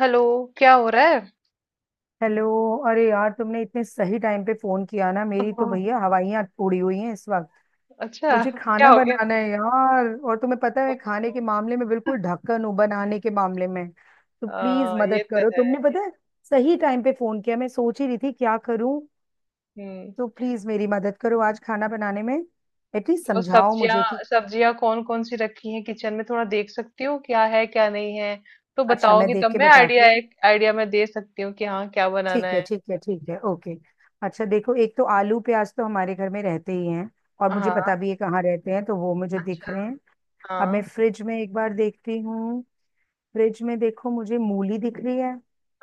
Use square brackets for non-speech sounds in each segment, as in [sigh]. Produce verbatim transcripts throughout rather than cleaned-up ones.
Hello. क्या हो रहा है? हेलो। अरे यार, तुमने इतने सही टाइम पे फोन किया ना, मेरी तो ओह, भैया हवाइयाँ उड़ी हुई हैं इस वक्त। अच्छा मुझे क्या खाना हो गया? बनाना है यार, और तुम्हें पता है ओह। मैं खाने के मामले में बिल्कुल ढक्कन हूँ, बनाने के मामले में। तो प्लीज आ, ये मदद तो करो, है। तुमने पता है सही टाइम पे फोन किया, मैं सोच ही रही थी क्या करूं। हम्म। तो प्लीज मेरी मदद करो आज खाना बनाने में। एटलीस्ट तो समझाओ सब्जियां मुझे कि सब्जियां कौन कौन सी रखी हैं किचन में, थोड़ा देख सकती हूँ क्या है क्या नहीं है। तो अच्छा मैं बताओगी देख तब के मैं आइडिया बताती। एक आइडिया मैं दे सकती हूँ कि हाँ क्या बनाना ठीक है है। ठीक है ठीक है, ओके। अच्छा देखो, एक तो आलू प्याज तो हमारे घर में रहते ही हैं और मुझे पता हाँ। भी है कहाँ रहते हैं, तो वो मुझे दिख अच्छा। रहे हैं। अब मैं हाँ। फ्रिज में एक बार देखती हूँ। फ्रिज में देखो, मुझे मूली दिख रही है।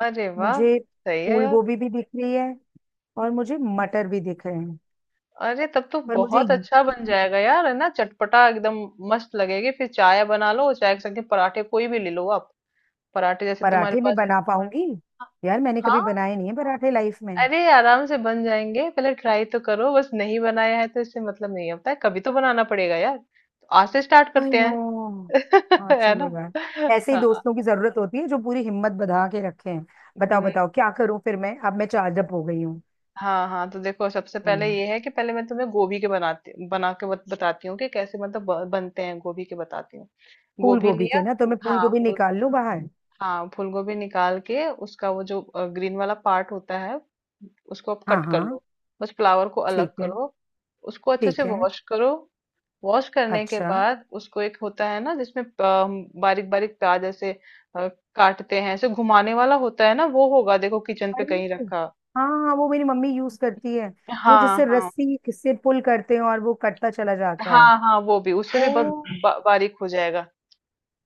अरे वाह। मुझे सही है फूल यार। गोभी भी दिख रही है, और मुझे मटर भी दिख रहे हैं। अरे तब तो पर मुझे बहुत ये- अच्छा बन जाएगा यार, है ना, चटपटा एकदम। मस्त लगेगी फिर। चाय बना लो, चाय के साथ के पराठे कोई भी ले लो आप। पराठे जैसे तुम्हारे पराठे में पास। बना पाऊंगी? यार मैंने कभी हाँ। बनाए नहीं है पराठे लाइफ में। अरे आराम से बन जाएंगे, पहले ट्राई तो करो। बस नहीं बनाया है तो इससे मतलब नहीं होता है, कभी तो बनाना पड़ेगा यार, तो आज से स्टार्ट आई करते नो। हैं। [laughs] हाँ है चलो ना। यार, ऐसे ही हाँ। दोस्तों की जरूरत होती है जो पूरी हिम्मत बधा के रखे हैं। बताओ हम्म, बताओ क्या करूं फिर, मैं अब मैं चार्जअप हो गई हूँ। हाँ हाँ, तो देखो सबसे पहले बोलो। ये है कि पहले मैं तुम्हें गोभी के बनाती बना के बत, बताती हूँ कि कैसे मतलब ब- बनते हैं गोभी के, बताती हूँ। फूल गोभी गोभी लिया। के ना, तो मैं फूल हाँ गोभी फूल निकाल गोभी। लूं बाहर? हाँ फूल गोभी निकाल के उसका वो जो ग्रीन वाला पार्ट होता है उसको आप हाँ कट कर हाँ। लो। बस फ्लावर को ठीक अलग है करो। उसको अच्छे से ठीक है। वॉश करो। वॉश करने के अच्छा। बाद उसको एक होता है ना जिसमें बारीक बारीक प्याज ऐसे अ, काटते हैं, ऐसे घुमाने वाला होता है ना, वो होगा देखो किचन पे अरे कहीं रखा। हाँ हाँ, वो मेरी मम्मी यूज करती है, वो हाँ जिससे हाँ। रस्सी से पुल करते हैं और वो कटता चला जाता है। हाँ हाँ वो भी उससे भी बहुत ओ, बा, बारीक हो जाएगा।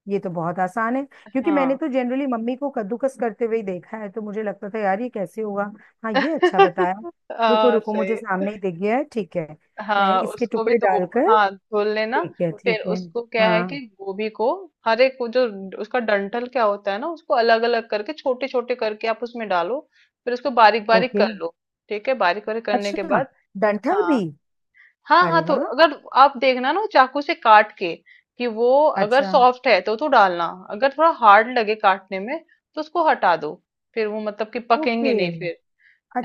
ये तो बहुत आसान है, क्योंकि मैंने हाँ। तो जनरली मम्मी को कद्दूकस करते हुए ही देखा है, तो मुझे लगता था यार ये कैसे होगा। हाँ, ये अच्छा बताया। [laughs] रुको हाँ रुको, मुझे सही। सामने ही दिख गया है। ठीक है, मैं हाँ इसके उसको भी टुकड़े धो। डालकर। हाँ धो लेना। ठीक है फिर ठीक है। उसको क्या है कि हाँ। गोभी को हर एक वो जो उसका डंठल क्या होता है ना उसको अलग अलग करके छोटे छोटे करके आप उसमें डालो। फिर उसको बारीक बारीक ओके। कर लो। ठीक है, बारीक बारीक करने के अच्छा, बाद, डंठल हाँ भी? हाँ अरे हाँ तो वाह। अगर आप देखना ना चाकू से काट के कि वो अगर अच्छा। सॉफ्ट है तो तो डालना, अगर थोड़ा हार्ड लगे काटने में तो उसको हटा दो, फिर वो मतलब कि पकेंगे ओके। नहीं फिर।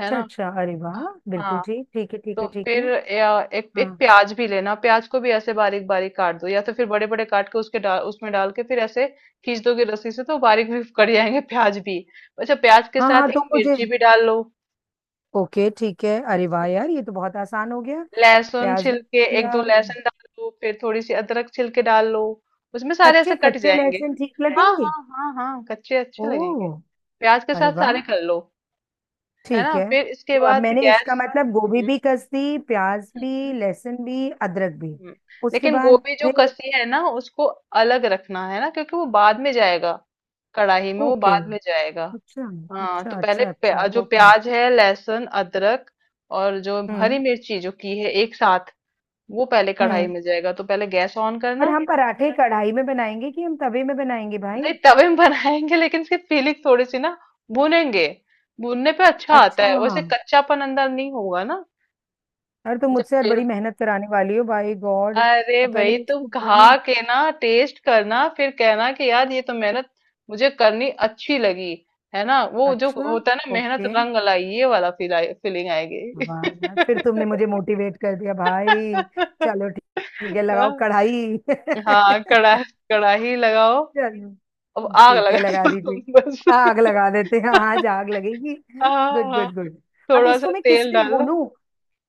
है ना। अच्छा, अरे वाह, बिल्कुल हाँ ठीक। ठीक है ठीक तो है ठीक फिर है। या एक हाँ एक प्याज भी लेना, प्याज को भी ऐसे बारीक बारीक काट दो या तो फिर बड़े बड़े काट के उसके डाल उसमें डाल के फिर ऐसे खींच दोगे रस्सी से तो बारीक भी कट जाएंगे प्याज भी। अच्छा, प्याज के हाँ साथ हाँ एक तो मुझे। मिर्ची भी डाल लो। ओके ठीक है, अरे वाह यार, ये तो बहुत आसान हो गया। लहसुन प्याज भी छिल के एक दो दिया। लहसुन डाल लो, फिर थोड़ी सी अदरक छिल के डाल लो। उसमें सारे ऐसे कच्चे कट कच्चे जाएंगे। लहसुन ठीक हाँ लगेंगे? हाँ। हाँ हाँ कच्चे अच्छे लगेंगे। ओह। प्याज के अरे साथ वाह। सारे कर लो। है ठीक ना है। फिर इसके तो अब बाद मैंने इसका गैस। मतलब गोभी हम्म। भी कस दी, प्याज भी, हम्म। लहसुन भी, अदरक भी। हम्म, उसके लेकिन बाद गोभी जो फिर? कसी है ना उसको अलग रखना है ना क्योंकि वो बाद में जाएगा कढ़ाई में, वो ओके। बाद में जाएगा। अच्छा हाँ अच्छा तो पहले अच्छा, प्या, अच्छा जो ओके। प्याज है लहसुन अदरक और जो हम्म। हरी मिर्ची जो की है एक साथ वो पहले कढ़ाई हम्म। में जाएगा, तो पहले गैस ऑन पर करना। हम पराठे कढ़ाई में बनाएंगे कि हम तवे में बनाएंगे भाई? नहीं तवे में [laughs] बनाएंगे लेकिन इसकी फीलिंग थोड़ी सी ना भूनेंगे, भूनने पे अच्छा आता अच्छा। है वैसे, कच्चापन अंदर नहीं होगा ना। अरे तो जब मुझसे आज तेल, बड़ी मेहनत कराने वाली हो भाई, गॉड। अरे अब पहले भाई मैं तुम इसको भूनूं। खा के ना टेस्ट करना, फिर कहना कि यार ये तो मेहनत मुझे करनी अच्छी लगी। है ना, वो जो अच्छा। होता है ना, मेहनत ओके। रंग लाई, ये वाला फील, फीलिंग आएगी। वाह। यार, फिर तुमने मुझे मोटिवेट कर दिया भाई। चलो ठीक, ठीक है लगाओ कढ़ाई। [laughs] [laughs] हाँ कड़ा, कड़ाही लगाओ। अब चलो। आग ठीक है, लगा लगा दो तुम दीजिए। बस। आग लगा देते हैं। हाँ, आज [laughs] आग लगेगी। हाँ गुड हाँ। Good good. अब थोड़ा सा इसको मैं किस तेल में डालो, भूनूं,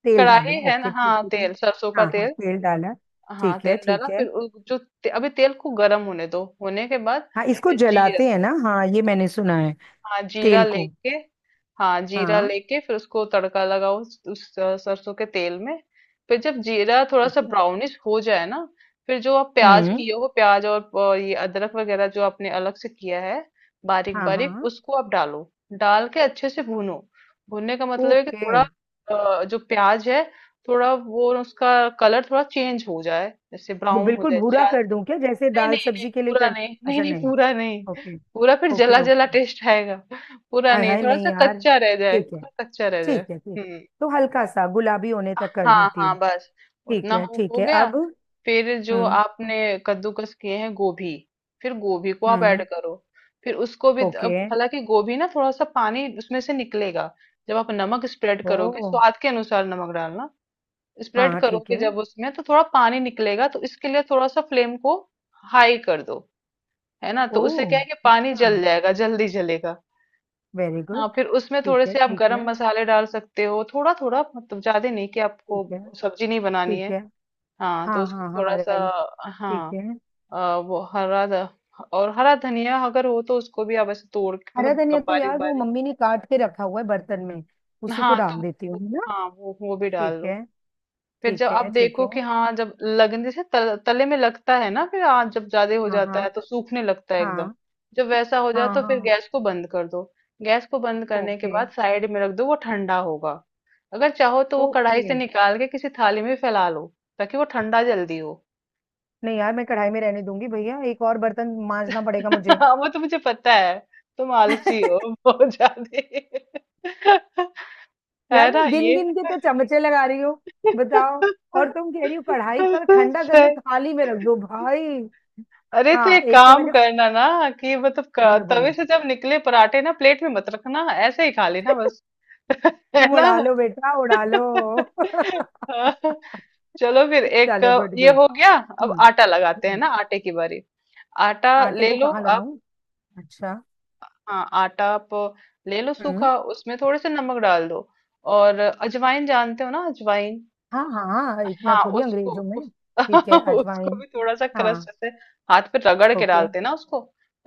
तेल डालूं? कड़ाही है ना, ओके ठीक हाँ है जी। तेल सरसों का हाँ हाँ तेल। तेल डाला। हाँ ठीक है तेल डाला, ठीक है। फिर उ- जो ते, अभी तेल को गर्म होने दो, होने के बाद हाँ, इसको फिर जीरा। जलाते हैं ना, हाँ ये मैंने सुना है, हाँ जीरा तेल को। लेके। हाँ जीरा हाँ लेके फिर उसको तड़का लगाओ उस, उस अ, सरसों के तेल में। फिर जब जीरा थोड़ा ठीक सा है। ब्राउनिश हो जाए ना, फिर जो आप प्याज हम्म। किए हो प्याज और अ, ये अदरक वगैरह जो आपने अलग से किया है बारीक हाँ बारीक हाँ। उसको आप डालो, डाल के अच्छे से भूनो। भूनने का मतलब है कि ओके। थोड़ा अ, जो प्याज है थोड़ा वो उसका कलर थोड़ा चेंज हो जाए, जैसे वो ब्राउन हो बिल्कुल जाए। भूरा कर दूं क्या, जैसे नहीं दाल नहीं नहीं सब्जी के लिए पूरा कर? नहीं नहीं अच्छा नहीं नहीं। पूरा नहीं, ओके पूरा फिर ओके जला जला ओके। टेस्ट आएगा। पूरा हाय नहीं, हाय, थोड़ा नहीं सा यार। कच्चा रह जाए, ठीक है थोड़ा कच्चा रह जाए। ठीक है ठीक है। हम्म। तो हल्का सा गुलाबी होने तक कर हाँ देती हूँ। हाँ बस। ठीक उतना है हो ठीक हो है, गया। अब? फिर जो हम्म। आपने कद्दूकस किए हैं गोभी, फिर गोभी को आप ऐड हम्म। करो। फिर उसको भी अब ओके। हालांकि गोभी ना थोड़ा सा पानी उसमें से निकलेगा जब आप नमक स्प्रेड करोगे, ओ। स्वाद के अनुसार नमक डालना, स्प्रेड हाँ ठीक करोगे है। जब उसमें तो थोड़ा पानी निकलेगा, तो इसके लिए थोड़ा सा फ्लेम को हाई कर दो। है ना, तो ओ, उससे क्या है कि पानी अच्छा, जल जाएगा, जल्दी जलेगा। Very good. हाँ, फिर उसमें ठीक थोड़े है से आप ठीक गरम है मसाले डाल सकते हो थोड़ा थोड़ा, मतलब ज्यादा नहीं कि आपको ठीक है सब्जी नहीं बनानी है। ठीक है। हाँ हाँ तो उसको हाँ हाँ थोड़ा सा, राइट। ठीक हाँ है। अ, वो हरा ध- और हरा धनिया अगर हो तो उसको भी आप ऐसे तोड़ के हरा धनिया मतलब तो बारीक यार वो बारीक। मम्मी ने काट के रखा हुआ है बर्तन में, उसी को हाँ तो डाल देती वो, हूँ है ना। हाँ वो वो भी डाल ठीक लो। है फिर जब ठीक आप है ठीक देखो है। कि हाँ जब लगने जैसे तल, तले में लगता है ना, फिर हाँ जब ज्यादा हो हाँ जाता हाँ है तो सूखने लगता है एकदम, हाँ। जब वैसा हो जाए हाँ तो फिर हाँ। गैस को बंद कर दो। गैस को बंद करने के ओके बाद साइड में रख दो, वो ठंडा होगा। अगर चाहो तो वो कढ़ाई से ओके। निकाल के किसी थाली में फैला लो ताकि वो ठंडा जल्दी हो। नहीं यार, मैं कढ़ाई में रहने दूंगी भैया, एक और बर्तन मांजना पड़ेगा मुझे। [laughs] हाँ, वो तो मुझे पता है, तुम आलसी हो [laughs] बहुत ज्यादा। [laughs] है यार ना मैं गिन ये। गिन के तो चमचे लगा रही हूँ, बताओ, और तुम कह रही हो कढ़ाई का [laughs] ठंडा करने सही। थाली में रख दो भाई। अरे तो हाँ एक एक तो काम मैंने, करना ना कि मतलब बोलो क- तवे बोलो। से जब निकले पराठे ना प्लेट में मत रखना, ऐसे ही खा लेना बस। [laughs] है तुम ना। उड़ा लो बेटा, उड़ा लो। [laughs] [laughs] हाँ, चलो फिर एक चलो गुड ये गुड। हो गया। अब हम्म। आटा लगाते हैं हम्म। ना, आटे की बारी। आटा आटे ले को लो कहाँ आप। लगाऊं? अच्छा। हाँ आटा आप ले लो हम्म। सूखा, उसमें थोड़े से नमक डाल दो और अजवाइन जानते हो ना, अजवाइन। हाँ हाँ। हाँ, इतना हाँ थोड़ी उसको अंग्रेजों में, उस, ठीक [laughs] है उसको अजवाइन। भी थोड़ा सा क्रश हाँ। ऐसे हाथ पे रगड़ के ओके। डालते हैं ना उसको,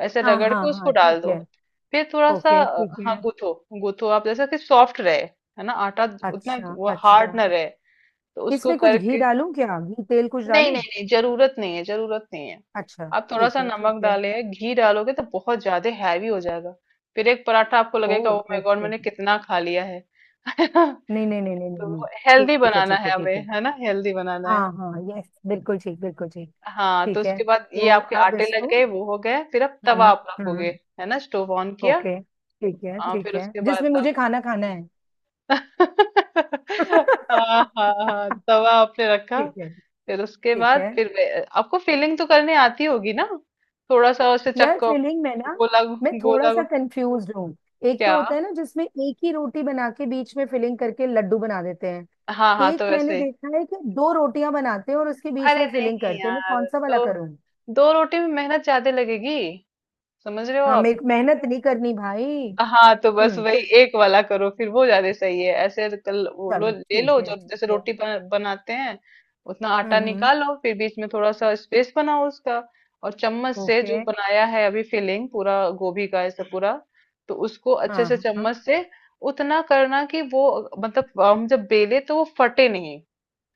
ऐसे हाँ रगड़ हाँ के उसको हाँ डाल ठीक दो। है। फिर थोड़ा सा ओके अ, ठीक हाँ है। गूथो, गूथो आप जैसा कि सॉफ्ट रहे, है ना आटा, उतना अच्छा वो अच्छा। हार्ड ना रहे, तो उसको इसमें कुछ घी करके, डालूं क्या, घी तेल कुछ नहीं डालूं? नहीं नहीं जरूरत नहीं है, जरूरत नहीं है। अच्छा। आप थोड़ा ठीक सा है ठीक नमक है। डाले, घी डालोगे तो बहुत ज्यादा हैवी हो जाएगा। फिर एक पराठा आपको ओ। लगेगा ओ माय गॉड ओके। मैंने कितना खा लिया है। [laughs] है ना। नहीं नहीं नहीं नहीं नहीं तो नहीं। वो ठीक हेल्दी है बनाना ठीक है है हमें, ठीक है। है ना, हेल्दी बनाना है। हाँ हाँ, यस बिल्कुल ठीक, बिल्कुल ठीक। हाँ तो ठीक है, उसके बाद ये तो आपके अब आटे लग इसको। गए, वो हो गए, फिर आप तवा हम्म। आप रखोगे, हम्म। है ना, स्टोव ऑन किया। ओके ठीक है आ, ठीक फिर है, उसके जिसमें बाद आप मुझे खाना खाना है। [laughs] [laughs] हाँ हाँ हाँ तवा आपने रखा ठीक है। फिर उसके ठीक है, बाद फिर वे- आपको फीलिंग तो करने आती होगी ना, थोड़ा सा उसे यार चक्को, फिलिंग में ना गोला मैं थोड़ा गोला। सा कंफ्यूज हूँ। एक तो क्या, होता है ना जिसमें एक ही रोटी बना के बीच में फिलिंग करके लड्डू बना देते हैं, हाँ हाँ एक तो मैंने वैसे, देखा है कि दो रोटियां बनाते हैं और उसके बीच अरे में फिलिंग नहीं करते हैं, मैं यार, कौन सा वाला दो करूँ? दो रोटी में मेहनत ज्यादा लगेगी, समझ रहे हो हाँ मेरे आप? को मेहनत नहीं करनी भाई। हाँ तो बस हम्म, तो वही एक वाला करो फिर, वो ज्यादा सही है ऐसे, कल वो लो चलो ले ठीक लो है जो ठीक जैसे है। रोटी बना- बनाते हैं उतना हम्म आटा हम्म हम्म, निकालो, फिर बीच में थोड़ा सा स्पेस बनाओ उसका और चम्मच से ओके। जो बनाया है अभी फिलिंग, पूरा गोभी का ऐसा पूरा, तो उसको हाँ अच्छे से हाँ हाँ। चम्मच से उतना करना कि वो मतलब हम जब बेले तो वो फटे नहीं,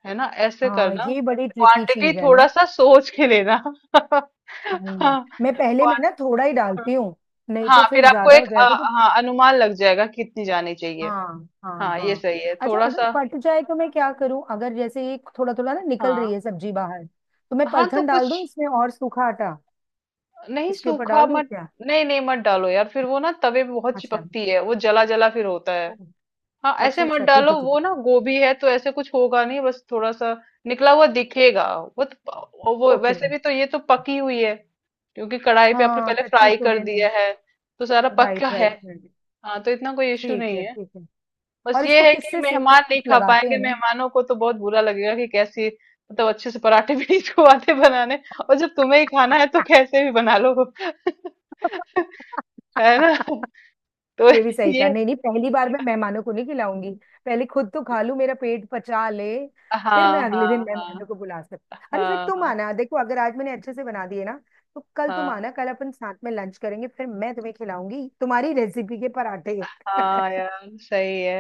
है ना ऐसे हाँ, करना। ये बड़ी ट्रिकी क्वांटिटी चीज है थोड़ा ना। सा सोच के लेना। [laughs] आई नो, हाँ मैं पहले में ना थोड़ा ही डालती हूँ, नहीं हाँ, तो फिर फिर आपको ज्यादा हो एक अ, जाएगा तो। हाँ अनुमान लग जाएगा कितनी जानी चाहिए। हाँ हाँ हाँ ये हाँ, सही है अच्छा थोड़ा अगर सा। फट जाए तो मैं क्या करूं, अगर जैसे ये थोड़ा थोड़ा ना निकल रही हाँ है सब्जी बाहर, तो मैं हाँ तो पलथन डाल कुछ दूं इसमें, और सूखा आटा नहीं, इसके ऊपर सूखा डाल दूं मत, क्या? नहीं नहीं मत डालो यार, फिर वो ना तवे पे बहुत अच्छा। चिपकती है, वो जला जला फिर होता है। हम्म, हाँ ऐसे अच्छा मत अच्छा, ठीक डालो, है ठीक वो है। ना गोभी है तो ऐसे कुछ होगा नहीं, बस थोड़ा सा निकला हुआ दिखेगा, वो तो, वो ओके। वैसे भी तो ये तो पकी हुई है क्योंकि कढ़ाई पे आपने हाँ, पहले कच्ची फ्राई तो कर है दिया नहीं। है, तो सारा पक्का राइट है। Right right. हाँ तो इतना कोई इश्यू ठीक नहीं है है, ठीक है। बस और ये इसको है कि किससे सेको, मेहमान नहीं कुछ खा लगाते पाएंगे, हैं ना? मेहमानों को तो बहुत बुरा लगेगा कि कैसी मतलब अच्छे से पराठे [laughs] भी नहीं को आते बनाने, और जब तुम्हें ही खाना है तो कैसे भी बना लो। [laughs] [laughs] है ना, तो ये भी सही कहा, ये, नहीं नहीं, पहली बार मैं मेहमानों को नहीं खिलाऊंगी, पहले खुद तो खा लूं, मेरा पेट पचा ले, फिर मैं हाँ अगले दिन हाँ हाँ मेहमानों को बुला सकती। अरे फिर हाँ तुम हाँ आना, देखो अगर आज मैंने अच्छे से बना दिए ना, तो कल तुम आना, हाँ कल अपन साथ में लंच करेंगे, फिर मैं तुम्हें खिलाऊंगी तुम्हारी रेसिपी के पराठे। [laughs] हाँ यार सही है,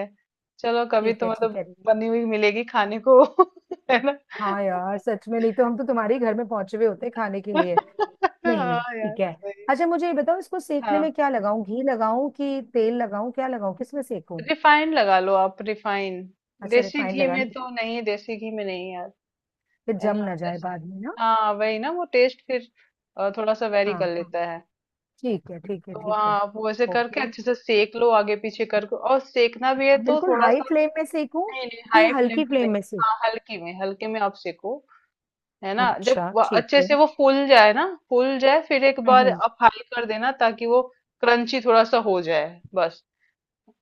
चलो कभी ठीक तो है ठीक मतलब है। बनी हुई मिलेगी खाने को। [laughs] है ना। हाँ यार सच में, नहीं तो हम तो तुम्हारे ही घर में पहुंचे हुए होते खाने के लिए। नहीं नहीं, हाँ यार ठीक है। सही। अच्छा मुझे ये बताओ, इसको सेकने में हाँ क्या लगाऊं, घी लगाऊं कि तेल लगाऊं, क्या लगाऊं, किसमें सेकूं? रिफाइन लगा लो आप, रिफाइन, अच्छा, देसी रिफाइंड घी लगा में लूं? तो नहीं, देसी घी में नहीं यार। फिर है जम ना ना जाए ऐसे, बाद में ना। हाँ वही ना, वो टेस्ट फिर अ, थोड़ा सा वेरी हाँ कर हाँ। लेता है। ठीक है ठीक है तो हाँ ठीक है। आप वो ऐसे करके ओके, अच्छे से सेक लो आगे पीछे करके, और सेकना भी है अब तो बिल्कुल थोड़ा हाई सा, फ्लेम में सेकूं नहीं नहीं कि हाई फ्लेम हल्की पे फ्लेम में नहीं, सेक? हाँ हल्की में हल्के में आप सेको, है ना। जब अच्छा वो ठीक अच्छे है। से वो फूल जाए ना, फूल जाए फिर एक बार हम्म। आप हाई कर देना ताकि वो क्रंची थोड़ा सा हो जाए, बस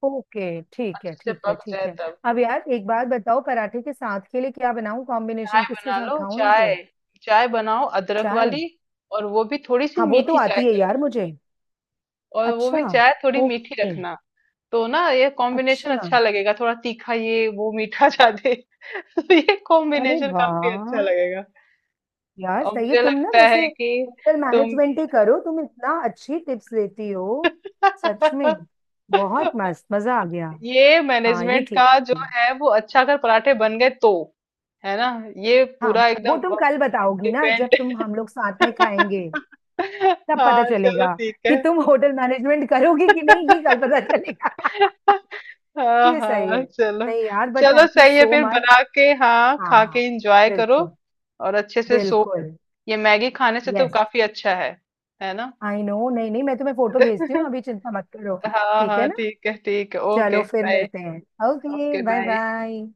ओके ठीक है अच्छे से ठीक है पक ठीक जाए है। तब। अब यार एक बात बताओ, पराठे के साथ के लिए क्या बनाऊं, चाय कॉम्बिनेशन किसके बना साथ लो खाऊं चाय, इनको? चाय बनाओ अदरक चाय। वाली, और वो भी थोड़ी सी हाँ वो तो मीठी चाय, आती है यार मुझे। और वो अच्छा। भी चाय थोड़ी मीठी ओके। रखना तो ना ये कॉम्बिनेशन अच्छा। अच्छा लगेगा, थोड़ा तीखा ये, वो मीठा ज्यादा। [laughs] तो ये अरे कॉम्बिनेशन काफी अच्छा वाह, लगेगा यार और सही है मुझे तुम ना, लगता है वैसे कि होटल तुम। मैनेजमेंट ही करो तुम, इतना अच्छी टिप्स देती हो। सच में, [laughs] बहुत मस्त, मजा आ गया। ये हाँ ये मैनेजमेंट ठीक का जो है। है वो अच्छा अगर पराठे बन गए तो, है ना, ये हाँ, पूरा वो एकदम तुम कल बताओगी ना, जब डिपेंड। तुम हम लोग साथ में खाएंगे, [laughs] तब पता हाँ चलो चलेगा ठीक है। कि तुम होटल मैनेजमेंट करोगी कि नहीं, ये कल [laughs] पता चलेगा। [laughs] [laughs] हाँ ये सही है। हाँ चलो, नहीं यार, बट चलो थैंक यू सही है सो फिर मच। बना के हाँ हाँ खा हाँ। के इंजॉय करो बिल्कुल। और अच्छे से सो, बिल्कुल। ये मैगी खाने से तो यस। काफी अच्छा है है ना। आई नो, नहीं नहीं, मैं तुम्हें फोटो भेजती हूँ [laughs] अभी, चिंता मत करो, हाँ ठीक है हाँ ना। ठीक है ठीक है चलो ओके फिर बाय, मिलते हैं, okay okay bye bye. Bye.